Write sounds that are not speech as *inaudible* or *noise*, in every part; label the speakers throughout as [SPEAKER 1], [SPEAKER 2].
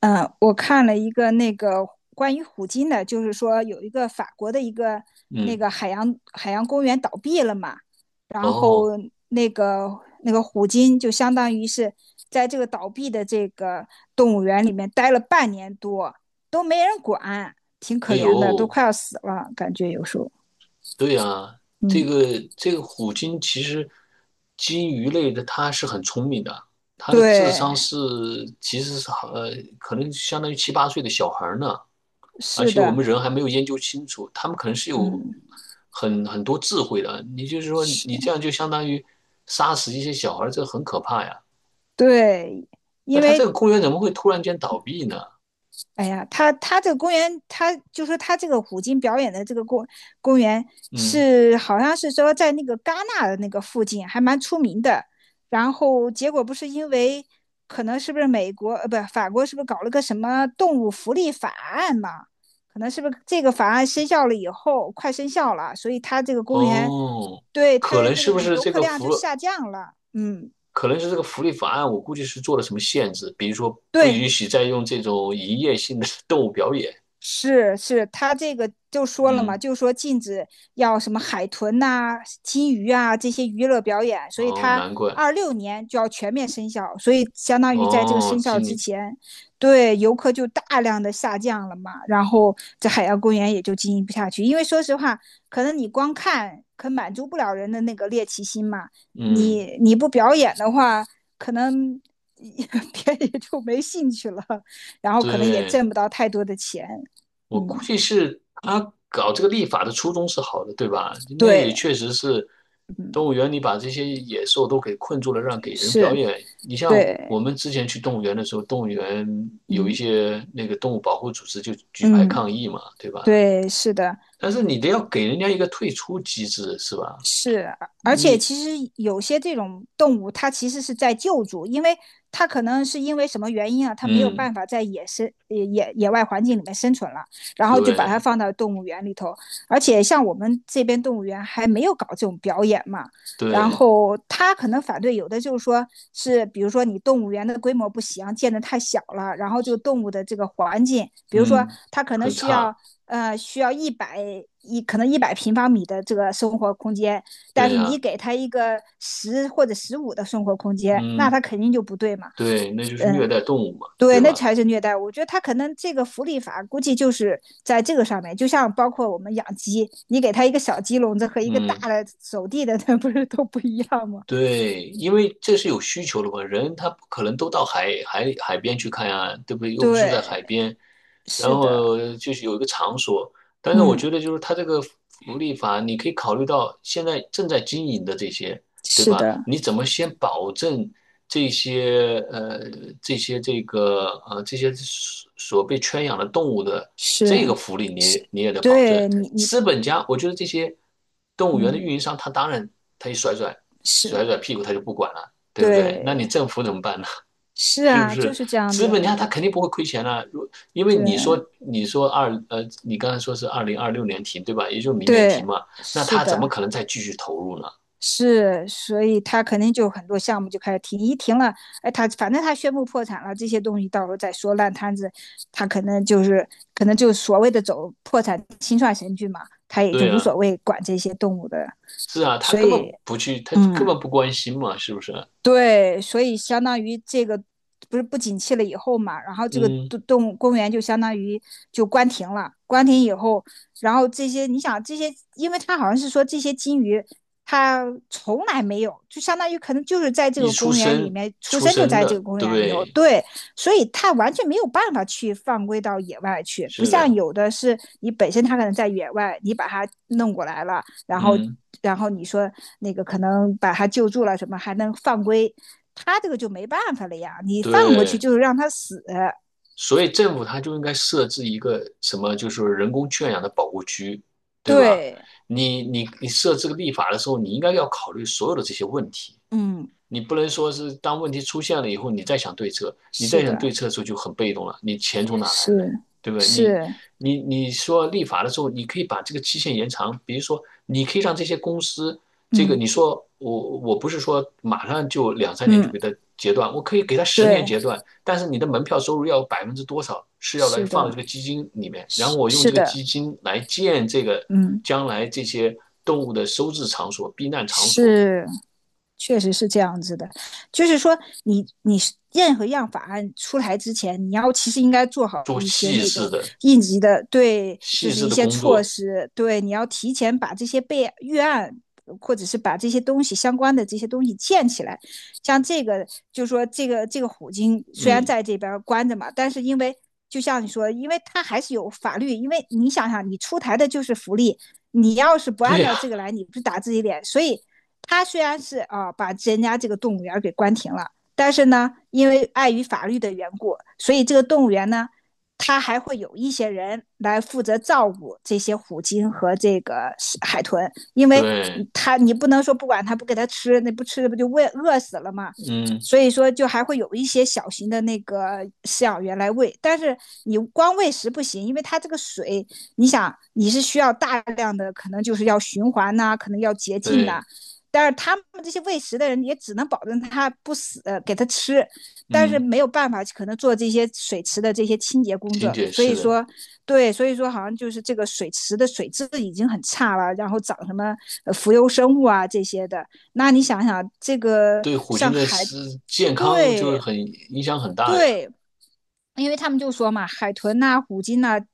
[SPEAKER 1] 嗯，我看了一个那个关于虎鲸的，就是说有一个法国的一个那
[SPEAKER 2] 嗯，
[SPEAKER 1] 个海洋公园倒闭了嘛，然后
[SPEAKER 2] 哦，
[SPEAKER 1] 那个虎鲸就相当于是在这个倒闭的这个动物园里面待了半年多，都没人管，挺可
[SPEAKER 2] 哎
[SPEAKER 1] 怜的，都
[SPEAKER 2] 呦，
[SPEAKER 1] 快要死了，感觉有时候，
[SPEAKER 2] 对呀，这
[SPEAKER 1] 嗯，
[SPEAKER 2] 个这个虎鲸其实鲸鱼类的它是很聪明的，它的智
[SPEAKER 1] 对，
[SPEAKER 2] 商是其实是好可能相当于七八岁的小孩儿呢，而
[SPEAKER 1] 是
[SPEAKER 2] 且我们
[SPEAKER 1] 的，
[SPEAKER 2] 人还没有研究清楚，他们可能是有
[SPEAKER 1] 嗯，
[SPEAKER 2] 很多智慧的。你就是说
[SPEAKER 1] 是，
[SPEAKER 2] 你这样就相当于杀死一些小孩儿，这很可怕呀。
[SPEAKER 1] 对，
[SPEAKER 2] 那
[SPEAKER 1] 因
[SPEAKER 2] 它这
[SPEAKER 1] 为
[SPEAKER 2] 个公园怎么会突然间倒闭呢？
[SPEAKER 1] 哎呀，他这个公园，他就说他这个虎鲸表演的这个公园
[SPEAKER 2] 嗯，
[SPEAKER 1] 是好像是说在那个戛纳的那个附近，还蛮出名的。然后结果不是因为可能是不是美国呃不法国是不是搞了个什么动物福利法案嘛？可能是不是这个法案生效了以后快生效了，所以他这个公园
[SPEAKER 2] 哦。
[SPEAKER 1] 对他
[SPEAKER 2] 可
[SPEAKER 1] 的
[SPEAKER 2] 能
[SPEAKER 1] 那个
[SPEAKER 2] 是不是
[SPEAKER 1] 游
[SPEAKER 2] 这
[SPEAKER 1] 客
[SPEAKER 2] 个
[SPEAKER 1] 量
[SPEAKER 2] 福？
[SPEAKER 1] 就下降了。嗯，
[SPEAKER 2] 可能是这个福利法案，我估计是做了什么限制，比如说不
[SPEAKER 1] 对，
[SPEAKER 2] 允许再用这种营业性的 *laughs* 动物表演。
[SPEAKER 1] 是是，他这个就说了嘛，
[SPEAKER 2] 嗯，
[SPEAKER 1] 就说禁止要什么海豚呐、金鱼啊这些娱乐表演，所以
[SPEAKER 2] 哦，
[SPEAKER 1] 他
[SPEAKER 2] 难怪，
[SPEAKER 1] 26年就要全面生效，所以相当于在这个生
[SPEAKER 2] 哦，
[SPEAKER 1] 效
[SPEAKER 2] 今
[SPEAKER 1] 之
[SPEAKER 2] 年，
[SPEAKER 1] 前，对游客就大量的下降了嘛，然后这海洋公园也就经营不下去，因为说实话，可能你光看可满足不了人的那个猎奇心嘛，
[SPEAKER 2] 嗯，
[SPEAKER 1] 你你不表演的话，可能 *laughs* 别人也就没兴趣了，然后可能也
[SPEAKER 2] 对，
[SPEAKER 1] 挣不到太多的钱。
[SPEAKER 2] 我估
[SPEAKER 1] 嗯，
[SPEAKER 2] 计是他搞这个立法的初衷是好的，对吧？那也
[SPEAKER 1] 对，
[SPEAKER 2] 确实是，
[SPEAKER 1] 嗯，
[SPEAKER 2] 动物园里把这些野兽都给困住了，让给人表
[SPEAKER 1] 是，
[SPEAKER 2] 演。你像我
[SPEAKER 1] 对，
[SPEAKER 2] 们之前去动物园的时候，动物园有一
[SPEAKER 1] 嗯
[SPEAKER 2] 些那个动物保护组织就举牌抗
[SPEAKER 1] 嗯，
[SPEAKER 2] 议嘛，对吧？
[SPEAKER 1] 对，是的，
[SPEAKER 2] 但是你得要给人家一个退出机制，是吧？
[SPEAKER 1] 是，而且
[SPEAKER 2] 你，
[SPEAKER 1] 其实有些这种动物，它其实是在救助，因为它可能是因为什么原因啊，它没有
[SPEAKER 2] 嗯，
[SPEAKER 1] 办法在野生、野外环境里面生存了，然后就把它
[SPEAKER 2] 对
[SPEAKER 1] 放到动物园里头。而且像我们这边动物园还没有搞这种表演嘛，然
[SPEAKER 2] 对，
[SPEAKER 1] 后他可能反对有的就是说是，比如说你动物园的规模不行，建得太小了，然后这个动物的这个环境，比如说
[SPEAKER 2] 嗯，
[SPEAKER 1] 它可能
[SPEAKER 2] 很
[SPEAKER 1] 需要
[SPEAKER 2] 差，
[SPEAKER 1] 呃，需要一百一可能100平方米的这个生活空间，但
[SPEAKER 2] 对
[SPEAKER 1] 是你
[SPEAKER 2] 呀，
[SPEAKER 1] 给他一个十或者15的生活空间，那他
[SPEAKER 2] 嗯，
[SPEAKER 1] 肯定就不对嘛。
[SPEAKER 2] 对，那就是虐
[SPEAKER 1] 嗯，
[SPEAKER 2] 待动物嘛，
[SPEAKER 1] 对，
[SPEAKER 2] 对
[SPEAKER 1] 那
[SPEAKER 2] 吧？
[SPEAKER 1] 才是虐待。我觉得他可能这个福利法估计就是在这个上面，就像包括我们养鸡，你给他一个小鸡笼子和一个大
[SPEAKER 2] 嗯。
[SPEAKER 1] 的走地的，*laughs* 那不是都不一样吗？
[SPEAKER 2] 对，因为这是有需求的嘛，人他不可能都到海边去看呀，对不对？又不住在海
[SPEAKER 1] 对，
[SPEAKER 2] 边，然
[SPEAKER 1] 是的，
[SPEAKER 2] 后就是有一个场所。但是我
[SPEAKER 1] 嗯，
[SPEAKER 2] 觉得就是他这个福利法，你可以考虑到现在正在经营的这些，对
[SPEAKER 1] 是
[SPEAKER 2] 吧？
[SPEAKER 1] 的，
[SPEAKER 2] 你怎么先保证这些呃这些所被圈养的动物的
[SPEAKER 1] 是
[SPEAKER 2] 这个福利你也
[SPEAKER 1] 是，
[SPEAKER 2] 你也得保证。
[SPEAKER 1] 对你你
[SPEAKER 2] 资本家，我觉得这些动物园的
[SPEAKER 1] 嗯
[SPEAKER 2] 运营商他当然他一甩甩。
[SPEAKER 1] 是
[SPEAKER 2] 甩甩屁股他就不管了，对不对？那你
[SPEAKER 1] 对。
[SPEAKER 2] 政府怎么办呢？*laughs*
[SPEAKER 1] 是
[SPEAKER 2] 是不
[SPEAKER 1] 啊，就
[SPEAKER 2] 是
[SPEAKER 1] 是这样
[SPEAKER 2] 资
[SPEAKER 1] 子
[SPEAKER 2] 本家他
[SPEAKER 1] 嘛。
[SPEAKER 2] 肯定不会亏钱啊，因为
[SPEAKER 1] 对
[SPEAKER 2] 你说你刚才说是2026年停对吧？也就是明年停
[SPEAKER 1] 对，
[SPEAKER 2] 嘛，那
[SPEAKER 1] 是
[SPEAKER 2] 他怎么
[SPEAKER 1] 的，
[SPEAKER 2] 可能再继续投入呢？
[SPEAKER 1] 是，所以他肯定就有很多项目就开始停，一停了，哎，他反正他宣布破产了，这些东西到时候再说烂摊子，他可能就是可能就是所谓的走破产清算程序嘛，他也就
[SPEAKER 2] 对
[SPEAKER 1] 无
[SPEAKER 2] 啊，
[SPEAKER 1] 所谓管这些动物的，
[SPEAKER 2] 是啊，他
[SPEAKER 1] 所
[SPEAKER 2] 根本
[SPEAKER 1] 以
[SPEAKER 2] 不去，他
[SPEAKER 1] 嗯，
[SPEAKER 2] 根本不关心嘛，是不是？
[SPEAKER 1] 对，所以相当于这个不是不景气了以后嘛，然后这个
[SPEAKER 2] 嗯，
[SPEAKER 1] 动物公园就相当于就关停了。关停以后，然后这些你想这些，因为它好像是说这些金鱼它从来没有，就相当于可能就是在这
[SPEAKER 2] 一
[SPEAKER 1] 个
[SPEAKER 2] 出
[SPEAKER 1] 公园里
[SPEAKER 2] 生
[SPEAKER 1] 面出
[SPEAKER 2] 出
[SPEAKER 1] 生就
[SPEAKER 2] 生
[SPEAKER 1] 在这个
[SPEAKER 2] 的，
[SPEAKER 1] 公园里头，
[SPEAKER 2] 对，
[SPEAKER 1] 对，所以它完全没有办法去放归到野外去，不
[SPEAKER 2] 是
[SPEAKER 1] 像
[SPEAKER 2] 的，
[SPEAKER 1] 有的是你本身它可能在野外，你把它弄过来了，然后
[SPEAKER 2] 嗯，
[SPEAKER 1] 然后你说那个可能把他救助了什么，还能犯规，他这个就没办法了呀，你放过去
[SPEAKER 2] 对。
[SPEAKER 1] 就是让他死。
[SPEAKER 2] 所以政府它就应该设置一个什么，就是人工圈养的保护区，对吧？
[SPEAKER 1] 对，
[SPEAKER 2] 你设置个立法的时候，你应该要考虑所有的这些问题。
[SPEAKER 1] 嗯，
[SPEAKER 2] 你不能说是当问题出现了以后，你再想对策，你
[SPEAKER 1] 是
[SPEAKER 2] 再想对
[SPEAKER 1] 的，
[SPEAKER 2] 策的时候就很被动了，你钱从哪来呢？
[SPEAKER 1] 是
[SPEAKER 2] 对不对？你
[SPEAKER 1] 是，
[SPEAKER 2] 你你说立法的时候，你可以把这个期限延长，比如说你可以让这些公司，这个
[SPEAKER 1] 嗯
[SPEAKER 2] 你说我不是说马上就两三年就
[SPEAKER 1] 嗯，
[SPEAKER 2] 给它截断，我可以给它十年
[SPEAKER 1] 对，
[SPEAKER 2] 截断，但是你的门票收入要百分之多少是要来
[SPEAKER 1] 是
[SPEAKER 2] 放到
[SPEAKER 1] 的，
[SPEAKER 2] 这个基金里面，然后
[SPEAKER 1] 是
[SPEAKER 2] 我用
[SPEAKER 1] 是
[SPEAKER 2] 这个
[SPEAKER 1] 的，
[SPEAKER 2] 基金来建这个
[SPEAKER 1] 嗯
[SPEAKER 2] 将来这些动物的收治场所、避难场所，
[SPEAKER 1] 是。确实是这样子的，就是说你你任何样法案出台之前，你要其实应该做好
[SPEAKER 2] 做
[SPEAKER 1] 一些
[SPEAKER 2] 细
[SPEAKER 1] 那
[SPEAKER 2] 致
[SPEAKER 1] 种
[SPEAKER 2] 的
[SPEAKER 1] 应急的，对，就
[SPEAKER 2] 细
[SPEAKER 1] 是
[SPEAKER 2] 致
[SPEAKER 1] 一
[SPEAKER 2] 的
[SPEAKER 1] 些
[SPEAKER 2] 工
[SPEAKER 1] 措
[SPEAKER 2] 作，
[SPEAKER 1] 施，对，你要提前把这些备预案。或者是把这些东西相关的这些东西建起来，像这个，就是说这个虎鲸虽然
[SPEAKER 2] 嗯，
[SPEAKER 1] 在这边关着嘛，但是因为就像你说，因为它还是有法律，因为你想想，你出台的就是福利，你要是不按
[SPEAKER 2] 对呀，
[SPEAKER 1] 照这个来，你不是打自己脸，所以他虽然是啊、把人家这个动物园给关停了，但是呢，因为碍于法律的缘故，所以这个动物园呢，它还会有一些人来负责照顾这些虎鲸和这个海豚，因为
[SPEAKER 2] 对，
[SPEAKER 1] 它你不能说不管它不给它吃，那不吃不就喂饿死了吗？
[SPEAKER 2] 嗯，
[SPEAKER 1] 所以说就还会有一些小型的那个饲养员来喂，但是你光喂食不行，因为它这个水，你想你是需要大量的，可能就是要循环呐、啊可能要洁净呐、啊
[SPEAKER 2] 对，
[SPEAKER 1] 但是他们这些喂食的人也只能保证他不死，给他吃，但是
[SPEAKER 2] 嗯，
[SPEAKER 1] 没有办法，可能做这些水池的这些清洁工
[SPEAKER 2] 金
[SPEAKER 1] 作。
[SPEAKER 2] 姐
[SPEAKER 1] 所以
[SPEAKER 2] 是的，
[SPEAKER 1] 说，对，所以说好像就是这个水池的水质已经很差了，然后长什么浮游生物啊这些的。那你想想，这个
[SPEAKER 2] 对虎
[SPEAKER 1] 像
[SPEAKER 2] 鲸的
[SPEAKER 1] 海，
[SPEAKER 2] 是健康就是
[SPEAKER 1] 对
[SPEAKER 2] 很影响很大呀，
[SPEAKER 1] 对，因为他们就说嘛，海豚呐、啊虎鲸呐、啊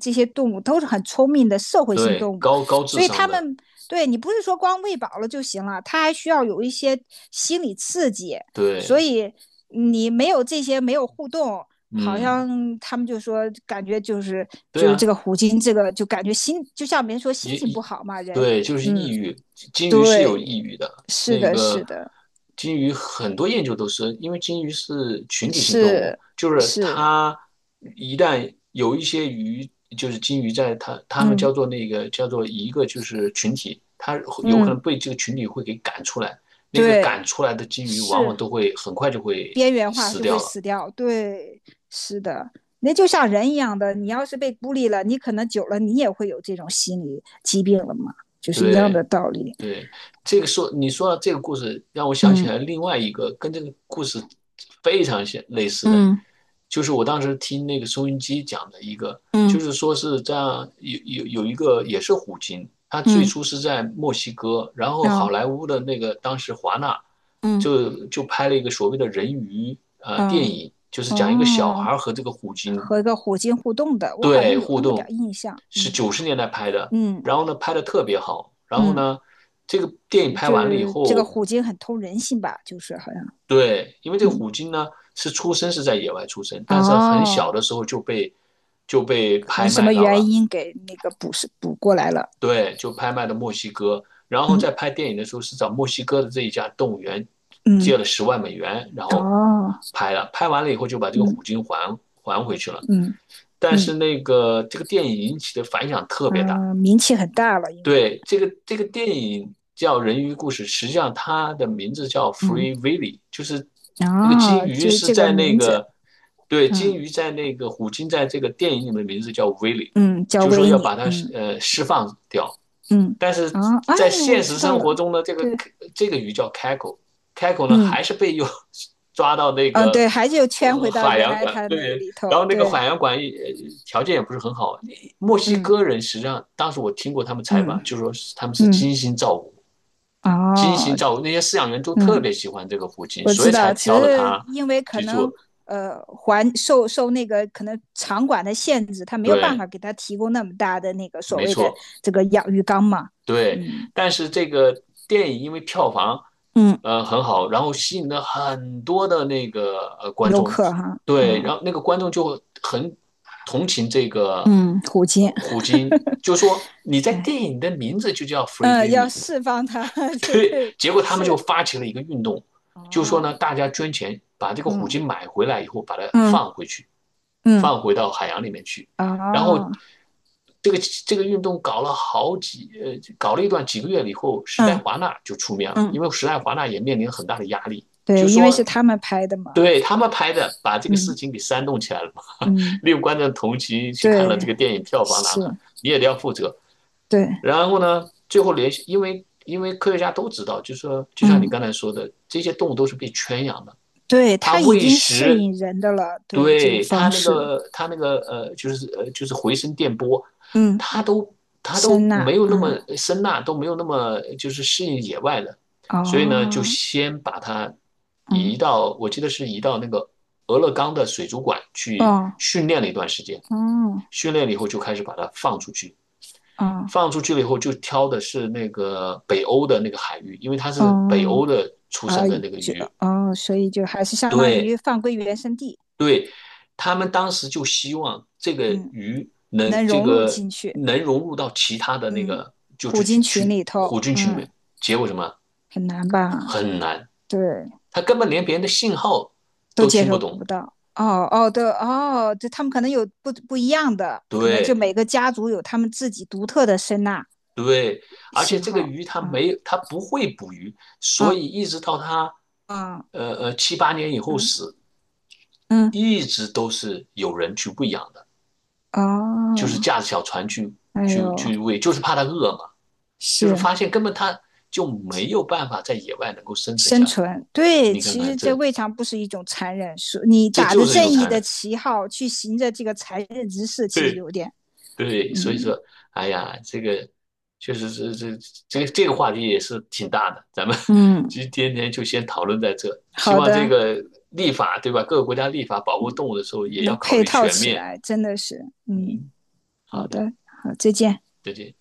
[SPEAKER 1] 这些动物都是很聪明的社会性
[SPEAKER 2] 对，
[SPEAKER 1] 动物，
[SPEAKER 2] 高智
[SPEAKER 1] 所以他
[SPEAKER 2] 商的，
[SPEAKER 1] 们对你不是说光喂饱了就行了，他还需要有一些心理刺激。所
[SPEAKER 2] 对，
[SPEAKER 1] 以你没有这些，没有互动，好
[SPEAKER 2] 嗯，
[SPEAKER 1] 像他们就说感觉就是
[SPEAKER 2] 对
[SPEAKER 1] 就是这
[SPEAKER 2] 呀。
[SPEAKER 1] 个虎鲸，这个就感觉心就像别人说心
[SPEAKER 2] 也
[SPEAKER 1] 情不
[SPEAKER 2] 抑，
[SPEAKER 1] 好嘛，人，
[SPEAKER 2] 对，就是
[SPEAKER 1] 嗯，
[SPEAKER 2] 抑郁。金鱼是有抑
[SPEAKER 1] 对，
[SPEAKER 2] 郁的，
[SPEAKER 1] 是
[SPEAKER 2] 那
[SPEAKER 1] 的，是
[SPEAKER 2] 个
[SPEAKER 1] 的，
[SPEAKER 2] 金鱼很多研究都是，因为金鱼是群体性动物，
[SPEAKER 1] 是
[SPEAKER 2] 就是
[SPEAKER 1] 是，
[SPEAKER 2] 它一旦有一些鱼，就是金鱼在它它们叫
[SPEAKER 1] 嗯
[SPEAKER 2] 做那个叫做一个就是群体，它会有可能
[SPEAKER 1] 嗯，
[SPEAKER 2] 被这个群体会给赶出来，那个
[SPEAKER 1] 对，
[SPEAKER 2] 赶出来的金鱼往往
[SPEAKER 1] 是。
[SPEAKER 2] 都会很快就会
[SPEAKER 1] 边缘化
[SPEAKER 2] 死
[SPEAKER 1] 就会
[SPEAKER 2] 掉了。
[SPEAKER 1] 死掉。对，是的，那就像人一样的，你要是被孤立了，你可能久了你也会有这种心理疾病了嘛，就是一样的
[SPEAKER 2] 对，
[SPEAKER 1] 道理。
[SPEAKER 2] 对，这个说你说到这个故事，让我想起
[SPEAKER 1] 嗯
[SPEAKER 2] 来另外一个跟这个故事非常像类似的，
[SPEAKER 1] 嗯
[SPEAKER 2] 就是我当时听那个收音机讲的一个，就
[SPEAKER 1] 嗯
[SPEAKER 2] 是说是这样有一个也是虎鲸，它最
[SPEAKER 1] 嗯
[SPEAKER 2] 初是在墨西哥，然后好
[SPEAKER 1] 啊
[SPEAKER 2] 莱坞的那个当时华纳
[SPEAKER 1] 嗯
[SPEAKER 2] 就拍了一个所谓的人鱼电
[SPEAKER 1] 嗯
[SPEAKER 2] 影，就是讲一个小
[SPEAKER 1] 哦，
[SPEAKER 2] 孩和这个虎鲸
[SPEAKER 1] 和一个虎鲸互动的，我好像
[SPEAKER 2] 对，
[SPEAKER 1] 有
[SPEAKER 2] 互
[SPEAKER 1] 那么点儿
[SPEAKER 2] 动
[SPEAKER 1] 印象。
[SPEAKER 2] 是
[SPEAKER 1] 嗯
[SPEAKER 2] 90年代拍的，
[SPEAKER 1] 嗯
[SPEAKER 2] 然后呢拍的特别好，然后
[SPEAKER 1] 嗯，
[SPEAKER 2] 呢，这个电影
[SPEAKER 1] 就
[SPEAKER 2] 拍
[SPEAKER 1] 就
[SPEAKER 2] 完了以
[SPEAKER 1] 是这个
[SPEAKER 2] 后，
[SPEAKER 1] 虎鲸很通人性吧，就是好像
[SPEAKER 2] 对，因为这个
[SPEAKER 1] 嗯
[SPEAKER 2] 虎鲸呢是出生是在野外出生，但是很
[SPEAKER 1] 哦，
[SPEAKER 2] 小的时候就被
[SPEAKER 1] 可能
[SPEAKER 2] 拍
[SPEAKER 1] 什
[SPEAKER 2] 卖
[SPEAKER 1] 么
[SPEAKER 2] 到
[SPEAKER 1] 原
[SPEAKER 2] 了，
[SPEAKER 1] 因给那个补是补过来了。
[SPEAKER 2] 对，就拍卖到墨西哥，然后
[SPEAKER 1] 嗯
[SPEAKER 2] 在拍电影的时候是找墨西哥的这一家动物园
[SPEAKER 1] 嗯。
[SPEAKER 2] 借了10万美元，然后
[SPEAKER 1] 哦，
[SPEAKER 2] 拍了，拍完了以后就把这个虎
[SPEAKER 1] 嗯
[SPEAKER 2] 鲸还回去了，
[SPEAKER 1] 嗯
[SPEAKER 2] 但是
[SPEAKER 1] 嗯
[SPEAKER 2] 那个这个电影引起的反响特别大。
[SPEAKER 1] 嗯、名气很大了，因为
[SPEAKER 2] 对，这个电影叫《人鱼故事》，实际上它的名字叫
[SPEAKER 1] 嗯，
[SPEAKER 2] 《Free Willy》，就是那个金
[SPEAKER 1] 哦，
[SPEAKER 2] 鱼
[SPEAKER 1] 就是
[SPEAKER 2] 是
[SPEAKER 1] 这个
[SPEAKER 2] 在那
[SPEAKER 1] 名字，
[SPEAKER 2] 个，对，金
[SPEAKER 1] 嗯
[SPEAKER 2] 鱼在那个虎鲸在这个电影里面的名字叫 Willy，
[SPEAKER 1] 嗯，叫
[SPEAKER 2] 就是说
[SPEAKER 1] 维
[SPEAKER 2] 要
[SPEAKER 1] 尼，
[SPEAKER 2] 把它
[SPEAKER 1] 嗯
[SPEAKER 2] 释放掉。
[SPEAKER 1] 嗯，
[SPEAKER 2] 但是
[SPEAKER 1] 啊，
[SPEAKER 2] 在
[SPEAKER 1] 哎，我
[SPEAKER 2] 现实
[SPEAKER 1] 知道
[SPEAKER 2] 生活
[SPEAKER 1] 了，
[SPEAKER 2] 中呢，这个
[SPEAKER 1] 对，
[SPEAKER 2] 这个鱼叫开口，开口呢还
[SPEAKER 1] 嗯
[SPEAKER 2] 是被又抓到那
[SPEAKER 1] 嗯，
[SPEAKER 2] 个
[SPEAKER 1] 对，还就圈回到
[SPEAKER 2] 海
[SPEAKER 1] 原
[SPEAKER 2] 洋
[SPEAKER 1] 来
[SPEAKER 2] 馆，
[SPEAKER 1] 他那个
[SPEAKER 2] 对，
[SPEAKER 1] 里
[SPEAKER 2] 然
[SPEAKER 1] 头，
[SPEAKER 2] 后那个
[SPEAKER 1] 对，
[SPEAKER 2] 海洋馆也条件也不是很好。墨西
[SPEAKER 1] 嗯
[SPEAKER 2] 哥人实际上当时我听过他们采访，就
[SPEAKER 1] 嗯
[SPEAKER 2] 说是他们是
[SPEAKER 1] 嗯，
[SPEAKER 2] 精心照顾，精心
[SPEAKER 1] 哦，
[SPEAKER 2] 照顾，那些饲养员都特
[SPEAKER 1] 嗯
[SPEAKER 2] 别喜欢这个虎鲸，
[SPEAKER 1] 我
[SPEAKER 2] 所
[SPEAKER 1] 知
[SPEAKER 2] 以才
[SPEAKER 1] 道，只
[SPEAKER 2] 挑了
[SPEAKER 1] 是
[SPEAKER 2] 它
[SPEAKER 1] 因为可
[SPEAKER 2] 去
[SPEAKER 1] 能
[SPEAKER 2] 做。
[SPEAKER 1] 环受那个可能场馆的限制，他没有办法
[SPEAKER 2] 对，
[SPEAKER 1] 给他提供那么大的那个所
[SPEAKER 2] 没
[SPEAKER 1] 谓的
[SPEAKER 2] 错。
[SPEAKER 1] 这个养鱼缸嘛。
[SPEAKER 2] 对，
[SPEAKER 1] 嗯
[SPEAKER 2] 但是这个电影因为票房
[SPEAKER 1] 嗯
[SPEAKER 2] 很好，然后吸引了很多的那个观
[SPEAKER 1] 游
[SPEAKER 2] 众，
[SPEAKER 1] 客哈
[SPEAKER 2] 对，然后
[SPEAKER 1] 啊
[SPEAKER 2] 那个观众就会很同情这个
[SPEAKER 1] 嗯，虎鲸，
[SPEAKER 2] 虎鲸，就说你在
[SPEAKER 1] 哎
[SPEAKER 2] 电影的名字就叫 Free
[SPEAKER 1] 嗯，要
[SPEAKER 2] Willy，
[SPEAKER 1] 释放它，
[SPEAKER 2] *laughs*
[SPEAKER 1] *laughs* 对
[SPEAKER 2] 对，
[SPEAKER 1] 对
[SPEAKER 2] 结果他们就
[SPEAKER 1] 是
[SPEAKER 2] 发起了一个运动，就说
[SPEAKER 1] 哦，
[SPEAKER 2] 呢，大家捐钱把这个虎
[SPEAKER 1] 嗯
[SPEAKER 2] 鲸买回来以后，把它
[SPEAKER 1] 嗯
[SPEAKER 2] 放回去，
[SPEAKER 1] 嗯
[SPEAKER 2] 放回到海洋里面去。然后
[SPEAKER 1] 哦，
[SPEAKER 2] 这个这个运动搞了好几呃，搞了一段几个月以后，时代
[SPEAKER 1] 嗯
[SPEAKER 2] 华纳就出面了，因
[SPEAKER 1] 嗯，
[SPEAKER 2] 为时代华纳也面临很大的压力，就
[SPEAKER 1] 对，因为是
[SPEAKER 2] 说
[SPEAKER 1] 他们拍的嘛。
[SPEAKER 2] 对他们拍的，把这个事
[SPEAKER 1] 嗯
[SPEAKER 2] 情给煽动起来了嘛，
[SPEAKER 1] 嗯
[SPEAKER 2] *laughs* 六观众同情去看了这
[SPEAKER 1] 对
[SPEAKER 2] 个电影票房拿
[SPEAKER 1] 是
[SPEAKER 2] 了，你也得要负责。
[SPEAKER 1] 对
[SPEAKER 2] 然后呢，最后联系，因为科学家都知道，就是说就像你
[SPEAKER 1] 嗯，
[SPEAKER 2] 刚才说的，这些动物都是被圈养的，
[SPEAKER 1] 对，
[SPEAKER 2] 它
[SPEAKER 1] 它已
[SPEAKER 2] 喂
[SPEAKER 1] 经适
[SPEAKER 2] 食，
[SPEAKER 1] 应人的了，对这种
[SPEAKER 2] 对它
[SPEAKER 1] 方
[SPEAKER 2] 那
[SPEAKER 1] 式，
[SPEAKER 2] 个它那个呃，就是呃就是回声电波，
[SPEAKER 1] 嗯，
[SPEAKER 2] 它都它
[SPEAKER 1] 声
[SPEAKER 2] 都
[SPEAKER 1] 呐，
[SPEAKER 2] 没有那
[SPEAKER 1] 嗯，
[SPEAKER 2] 么声呐，都没有那么就是适应野外的，所以呢，就
[SPEAKER 1] 哦，
[SPEAKER 2] 先把它
[SPEAKER 1] 嗯，
[SPEAKER 2] 移到，我记得是移到那个俄勒冈的水族馆去
[SPEAKER 1] 哦，
[SPEAKER 2] 训练了一段时间，
[SPEAKER 1] 哦，
[SPEAKER 2] 训练了以后就开始把它放出去。
[SPEAKER 1] 哦，
[SPEAKER 2] 放出去了以后，就挑的是那个北欧的那个海域，因为它是北
[SPEAKER 1] 哦，
[SPEAKER 2] 欧的出
[SPEAKER 1] 啊，
[SPEAKER 2] 生的那个
[SPEAKER 1] 就
[SPEAKER 2] 鱼。
[SPEAKER 1] 哦，所以就还是相当于
[SPEAKER 2] 对，
[SPEAKER 1] 放归原生地，
[SPEAKER 2] 对，他们当时就希望这个
[SPEAKER 1] 嗯，
[SPEAKER 2] 鱼能
[SPEAKER 1] 能
[SPEAKER 2] 这
[SPEAKER 1] 融入
[SPEAKER 2] 个
[SPEAKER 1] 进去，
[SPEAKER 2] 能融入到其他的那
[SPEAKER 1] 嗯，
[SPEAKER 2] 个就
[SPEAKER 1] 虎
[SPEAKER 2] 是
[SPEAKER 1] 鲸群
[SPEAKER 2] 群
[SPEAKER 1] 里头，
[SPEAKER 2] 虎鲸群里
[SPEAKER 1] 嗯，
[SPEAKER 2] 面，结果什么
[SPEAKER 1] 很难吧？
[SPEAKER 2] 很难，
[SPEAKER 1] 对，
[SPEAKER 2] 它根本连别人的信号
[SPEAKER 1] 都
[SPEAKER 2] 都
[SPEAKER 1] 接
[SPEAKER 2] 听不
[SPEAKER 1] 受
[SPEAKER 2] 懂。
[SPEAKER 1] 不到。哦哦，对哦，对，他们可能有不一样的，可能就
[SPEAKER 2] 对。
[SPEAKER 1] 每个家族有他们自己独特的声呐
[SPEAKER 2] 对，而且
[SPEAKER 1] 型
[SPEAKER 2] 这个
[SPEAKER 1] 号，
[SPEAKER 2] 鱼它
[SPEAKER 1] 嗯。
[SPEAKER 2] 没，它不会捕鱼，所
[SPEAKER 1] 啊
[SPEAKER 2] 以一直到它，
[SPEAKER 1] 啊，
[SPEAKER 2] 七八年以后
[SPEAKER 1] 嗯
[SPEAKER 2] 死，
[SPEAKER 1] 嗯，
[SPEAKER 2] 一直都是有人去喂养的，就是
[SPEAKER 1] 哦，
[SPEAKER 2] 驾着小船
[SPEAKER 1] 哎呦，
[SPEAKER 2] 去喂，就是怕它饿嘛，就是
[SPEAKER 1] 是
[SPEAKER 2] 发现根本它就没有办法在野外能够生存
[SPEAKER 1] 生
[SPEAKER 2] 下来。
[SPEAKER 1] 存。对，
[SPEAKER 2] 你看
[SPEAKER 1] 其
[SPEAKER 2] 看
[SPEAKER 1] 实这
[SPEAKER 2] 这，
[SPEAKER 1] 未尝不是一种残忍，是你
[SPEAKER 2] 这
[SPEAKER 1] 打
[SPEAKER 2] 就
[SPEAKER 1] 着
[SPEAKER 2] 是一
[SPEAKER 1] 正
[SPEAKER 2] 种
[SPEAKER 1] 义
[SPEAKER 2] 残
[SPEAKER 1] 的
[SPEAKER 2] 忍。
[SPEAKER 1] 旗号去行着这个残忍之事，其实
[SPEAKER 2] 对。
[SPEAKER 1] 有点，
[SPEAKER 2] 对，所以
[SPEAKER 1] 嗯
[SPEAKER 2] 说，哎呀，这个确实是这个话题也是挺大的，咱们 *laughs*
[SPEAKER 1] 嗯，
[SPEAKER 2] 今天就先讨论在这。希
[SPEAKER 1] 好
[SPEAKER 2] 望这
[SPEAKER 1] 的，
[SPEAKER 2] 个立法，对吧？各个国家立法保护动物的时候，也要
[SPEAKER 1] 能
[SPEAKER 2] 考
[SPEAKER 1] 配
[SPEAKER 2] 虑
[SPEAKER 1] 套
[SPEAKER 2] 全
[SPEAKER 1] 起
[SPEAKER 2] 面。
[SPEAKER 1] 来，真的是，嗯，
[SPEAKER 2] 嗯，
[SPEAKER 1] 好
[SPEAKER 2] 好的，
[SPEAKER 1] 的，好，再见。
[SPEAKER 2] 再见。